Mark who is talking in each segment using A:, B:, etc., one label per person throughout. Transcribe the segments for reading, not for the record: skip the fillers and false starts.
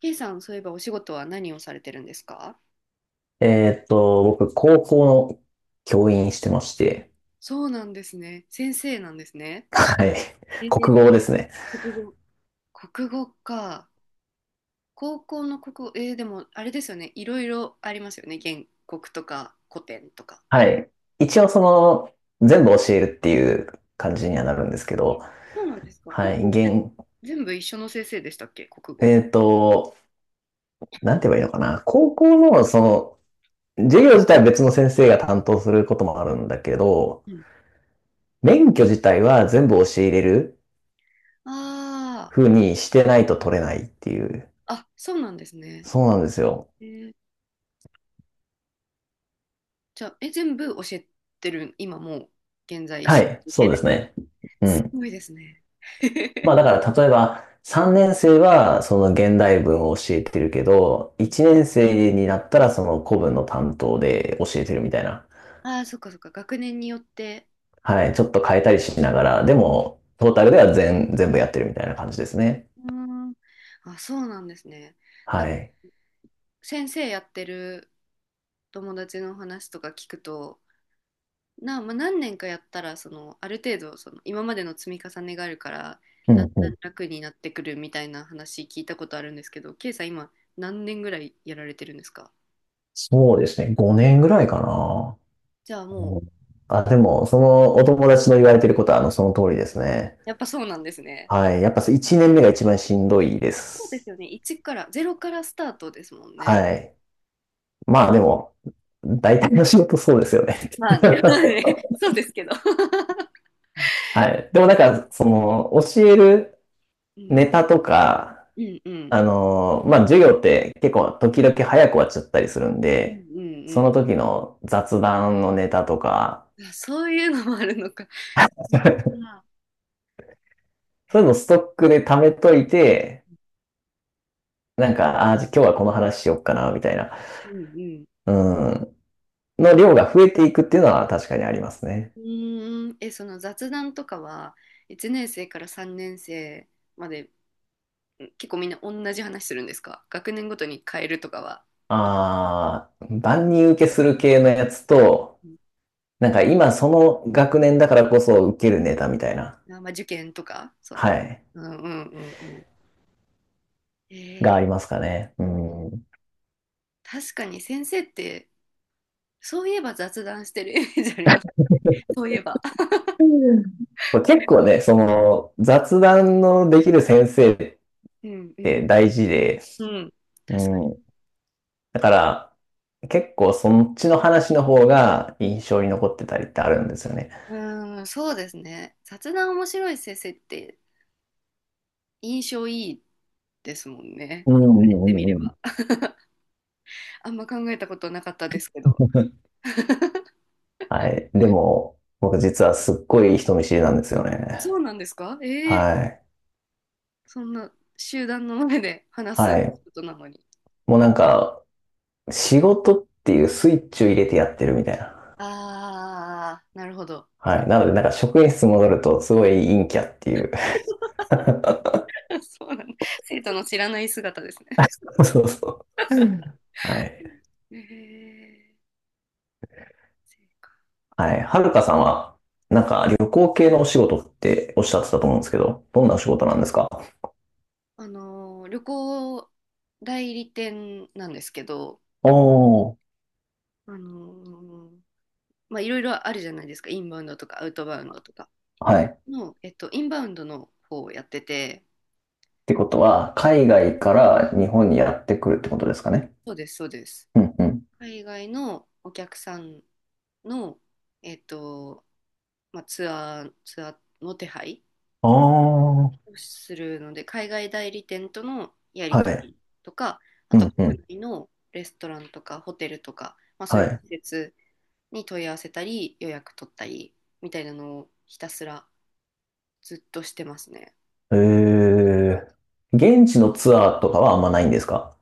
A: K さん、そういえばお仕事は何をされてるんですか？
B: 僕、高校の教員してまして、
A: そうなんですね。先生なんですね。
B: はい。
A: え ー、
B: 国語ですね。
A: 国語。国語か。高校の国語、でもあれですよね。いろいろありますよね。原告とか古典とか。
B: はい。一応、全部教えるっていう感じにはなるんですけど、
A: そうなんですか。
B: は
A: 高
B: い。
A: 校って
B: 現、
A: 全部一緒の先生でしたっけ、国語。
B: えーっと、なんて言えばいいのかな。高校の、その、授業自体は別の先生が担当することもあるんだけど、
A: うん。
B: 免許自体は全部教えれる
A: あ
B: 風にしてないと取れないっていう。
A: あ、あ、そうなんですね。
B: そうなんですよ。
A: えー、じゃあ、全部教えてる、今もう、現在、
B: はい。
A: い
B: そ
A: け
B: うで
A: る。
B: すね。う
A: す
B: ん。
A: ごいですね。
B: まあだ から例えば3年生はその現代文を教えてるけど、
A: うん。
B: 1年生になったらその古文の担当で教えてるみたいな。
A: ああ、そっかそっか、学年によって。
B: はい。ちょっと変えたりしながら、でもトータルでは全部やってるみたいな感じですね。
A: うーん。あ、そうなんですね。なん
B: は
A: か
B: い。
A: 先生やってる友達の話とか聞くと、まあ、何年かやったら、そのある程度その今までの積み重ねがあるから、
B: う
A: だん
B: んう
A: だ
B: ん。
A: ん楽になってくるみたいな話聞いたことあるんですけど、ケイさん今何年ぐらいやられてるんですか？
B: そうですね。5年ぐらいかな。
A: じゃあも
B: う
A: う、
B: ん。あ、でも、そのお友達の言われてることは、あの、その通りですね。
A: やっぱそうなんですね。
B: はい。やっぱ1年目が一番しんどいで
A: そうです
B: す。
A: よね。1からゼロからスタートですもんね。
B: はい。まあでも、大体の仕事そうですよね。
A: まあね、まあ ね、そうですけど。
B: はい。でもなんか、その、教える
A: うん、
B: ネタとか、
A: うん、うん、
B: あの、まあ、授業って結構時々早く終わっちゃったりするん
A: うん、
B: で、
A: うん。
B: そ
A: う
B: の
A: ん、
B: 時の雑談のネタとか、
A: あ、そういうのもあるのか。あ、うんう ん。
B: そういうのストックで貯めといて、なんか、ああ、じゃあ今日はこの話しよっかな、みたいな、うん、の量が増えていくっていうのは確かにあります
A: う
B: ね。
A: ーん、その雑談とかは、1年生から3年生まで、結構みんな同じ話するんですか、学年ごとに変えるとかは。あ、
B: ああ、万人受けする系のやつと、
A: うん。
B: なんか今その学年だからこそ受けるネタみたいな。
A: あ、まあ、受験とか、そんな。
B: はい。
A: うんうんうんうん。
B: が
A: え
B: ありま
A: ー、
B: すかね。うん。
A: 確かに先生って、そういえば雑談してるイメージありますね。そういえば。
B: 結構ね、その、雑談のできる先生っ
A: うんうん。
B: て大事で、
A: うん。
B: う
A: 確かに。
B: ん。だから、結構そっちの話の方が印象に残ってたりってあるんですよね。
A: うん、そうですね。雑談面白い先生って印象いいですもんね。
B: うんう
A: 言われ
B: んう
A: てみれ
B: んうん。
A: ば。あんま考えたことなかったですけど。
B: はい。でも、僕実はすっごい人見知りなんですよね。
A: そうなんですか、ええ。
B: はい。
A: そんな集団の前で話す
B: はい。
A: ことなのに。
B: もうなんか、仕事っていうスイッチを入れてやってるみたいな。
A: ああ、なるほど。
B: はい。なので、なんか職員室戻るとすごい陰キャっていう。
A: そうなんだ。生徒の知らない姿ですね。
B: そうそう。はい。
A: え、え、そうか。
B: はい。はるかさんは、なんか旅行系のお仕事っておっしゃってたと思うんですけど、どんなお仕事なんですか？
A: あのー、旅行代理店なんですけど、
B: おー。
A: あのー、まあ、いろいろあるじゃないですか。インバウンドとかアウトバウンドとか
B: はい。っ
A: の、えっと、インバウンドの方をやってて、
B: てことは、海外から日本にやってくるってことですかね。
A: そうです、そうです。
B: うんうん。
A: 海外のお客さんの、えっと、まあ、ツアーの手配
B: あ
A: をするので、海外代理店とのや
B: あ、
A: り
B: は
A: 取
B: い。
A: りとか、あ
B: う
A: とは
B: んう
A: 国
B: ん。
A: 内のレストランとかホテルとか、まあ、そう
B: は
A: いう
B: い。
A: 施設に問い合わせたり、予約取ったりみたいなのをひたすらずっとしてますね。
B: えー、現地のツアーとかはあんまないんですか？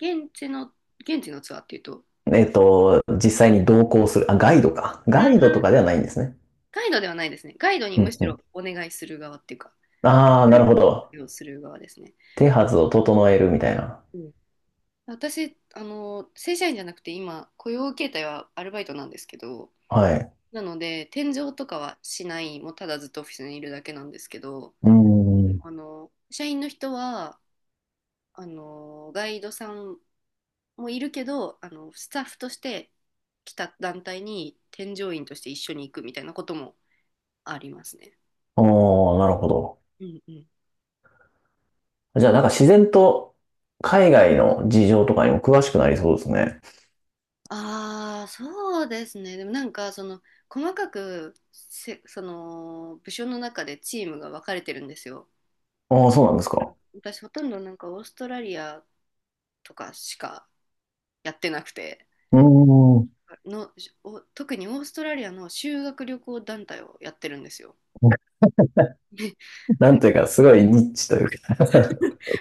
A: 現地の、現地のツアーっていうと、
B: えっと、実際に同行する、あ、ガイドか。
A: あ
B: ガイドとかで
A: ー、
B: はないんですね。
A: ガイドではないですね。ガイドに
B: う
A: む
B: ん
A: し
B: う
A: ろ
B: ん。
A: お願いする側っていうか、
B: ああ、
A: ガ
B: な
A: イ
B: るほど。
A: ドをする側ですね。
B: 手はずを整えるみたいな。
A: うん、私、あの、正社員じゃなくて今、雇用形態はアルバイトなんですけど、
B: はい。
A: なので、転井とかはしない、もうただずっとオフィスにいるだけなんですけど、
B: うーん。
A: あの、社員の人は、あの、ガイドさんもいるけど、あの、スタッフとして来た団体に添乗員として一緒に行くみたいなこともありますね。
B: おー、なるほど。
A: うんうん。
B: じゃあなんか自然と海外の事情とかにも詳しくなりそうですね。
A: ああ、そうですね。でもなんか、その、細かくせ、その、部署の中でチームが分かれてるんですよ。
B: ああ、そうなんですか。
A: 私ほとんどなんかオーストラリアとかしかやってなくて、
B: うーん。
A: のお特にオーストラリアの修学旅行団体をやってるんですよ。
B: なんというか、すごいニッチというか。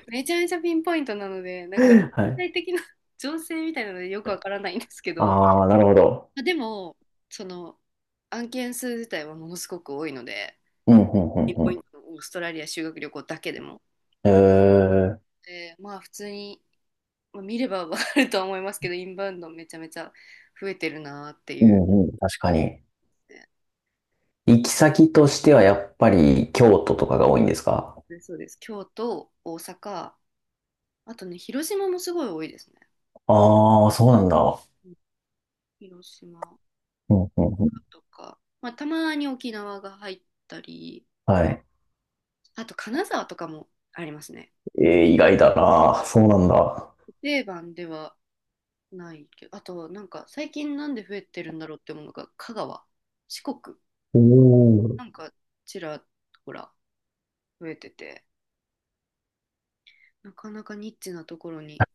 A: めちゃめちゃピンポイントなのでなんか
B: は
A: 全体
B: い。
A: 的な 情勢みたいなのでよくわからないんですけど、ま
B: ああ、なるほど。
A: あでも、その案件数自体はものすごく多いので、
B: うん、うん、うん、
A: ピン
B: う
A: ポイ
B: ん。
A: ントのオーストラリア修学旅行だけでも。
B: えー、
A: でまあ普通に、まあ見ればわかるとは思いますけど、インバウンドめちゃめちゃ増えてるなって
B: う
A: いう。
B: ん、うん、確かに。行き先としてはやっぱり京都とかが多いんですか？
A: ね、そうです。京都、大阪、あとね、広島もすごい多いですね。
B: ああー、そうなんだ。
A: うん、広島
B: うん、うん、うん。
A: とか、まあ、たまに沖縄が入ったり、
B: はい。
A: あと金沢とかもありますね。
B: えー、意外だな。そうなんだ。
A: 定番ではないけど、あとなんか最近なんで増えてるんだろうって思うのが、香川、四国、
B: おー。
A: なんかちらほら増えてて、なかなかニッチなところに。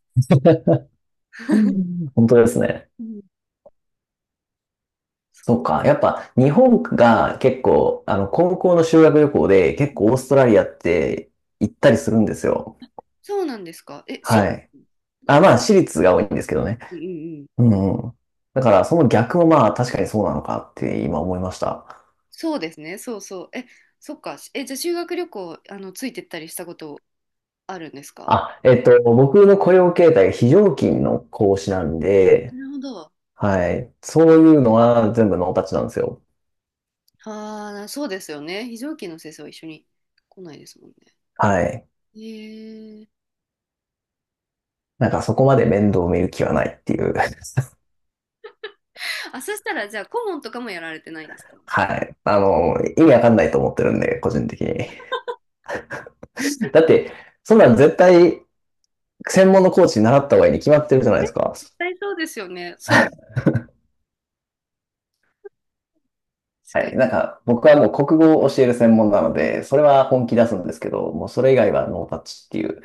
B: 本当ですね。
A: うん、そう、
B: そうか。やっぱ日本が結構、あの、高校の修学旅行で結構オーストラリアって行ったりするんですよ。
A: そうなんですか。え、私
B: は
A: 立
B: い。
A: です
B: あ、
A: か？
B: まあ、私立が多いんですけどね。
A: うんうんうん、
B: うんうん。だから、その逆もまあ、確かにそうなのかって今思いました。
A: そうですね、そうそう。え、そっか。じゃあ修学旅行、あの、ついてったりしたことあるんですか？
B: あ、えっと、僕の雇用形態が非常勤の講師
A: は
B: な
A: い、
B: んで、
A: なるほど。
B: はい。そういうのは全部ノータッチなんですよ。
A: ああ、そうですよね。非常勤の先生は一緒に来ないですもんね。
B: はい。
A: へえ。
B: なんかそこまで面倒見る気はないっていう。
A: あ、そしたら、じゃあ、顧問とかもやられてないんですか？
B: はい。あの、意味わかんないと思ってるんで、個人的に。だって、そんなん絶対専門のコーチに習った方がいいに決まってるじゃないで
A: ね、
B: すか。
A: 絶対そうですよね。そう。確
B: は
A: かに。
B: い。なんか、僕はもう国語を教える専門なので、それは本気出すんですけど、もうそれ以外はノータッチっていう、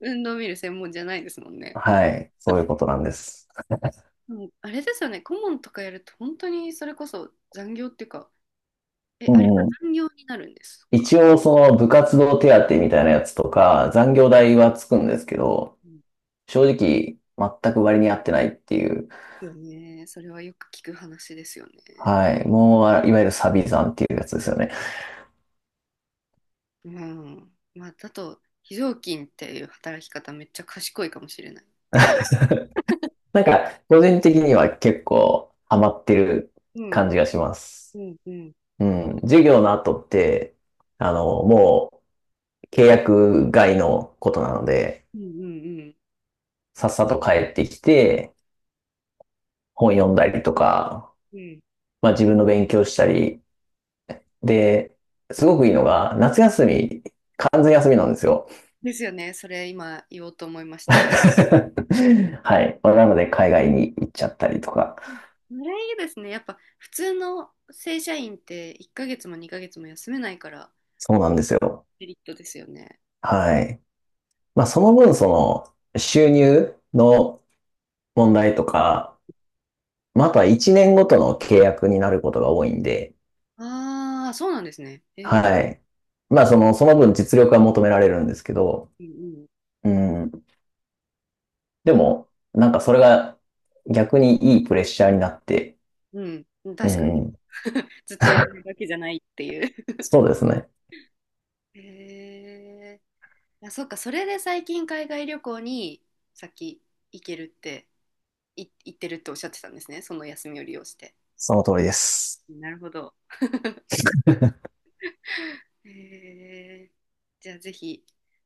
A: 運動見る専門じゃないですもんね。
B: はい、そういうことなんです。
A: うん、あれですよね。顧問とかやると、本当にそれこそ残業っていうか、
B: う
A: あれは
B: んうん。
A: 残業になるんですか？
B: 一応、その部活動手当みたいなやつとか、残業代はつくんですけど、
A: うん、で
B: 正直、全く割に合ってないっていう、
A: すよね。それはよく聞く話ですよね。
B: はい、もう、いわゆるサビ残っていうやつですよね。
A: うん。まあ、だと、非常勤っていう働き方めっちゃ賢いかもしれない。
B: なんか、個人的には結構ハマってる
A: う
B: 感
A: ん。
B: じがします。
A: うん。うん。
B: うん、授業の後って、あの、もう契約外のことなので、
A: うん。うん。
B: さっさと帰ってきて、本読んだりとか、
A: うん。
B: まあ自分の勉強したり、で、すごくいいのが、夏休み、完全休みなんですよ。
A: ですよね。それ今言おうと思いまし た。
B: はい。まあなので、海外に行っちゃったりとか、
A: うれ、いいですね。やっぱ普通の正社員って1ヶ月も2ヶ月も休めないから
B: そうなんですよ。
A: メリットですよね。
B: はい。まあその分、その、収入の問題とか、まあ、あとは1年ごとの契約になることが多いんで、
A: ああ、そうなんですね。えー、
B: はい。まあ、その、その分実力は求められるんですけど、
A: うん
B: うん。
A: う
B: で
A: ん。えー、
B: も、なんかそれが逆にいいプレッシャーになって、
A: うんうん、うん、
B: う
A: 確かに。
B: ん。
A: ずっといられるわけじゃないっていう。
B: そうですね。
A: へえ。あ、そっか、それで最近海外旅行に先行けるって、行ってるっておっしゃってたんですね。その休みを利用して。
B: その通りです。
A: なるほど。へえ、じゃあぜひ、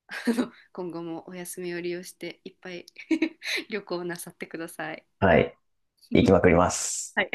A: あの、今後もお休みを利用していっぱい 旅行なさってください。
B: はい。行きまくります。
A: はい。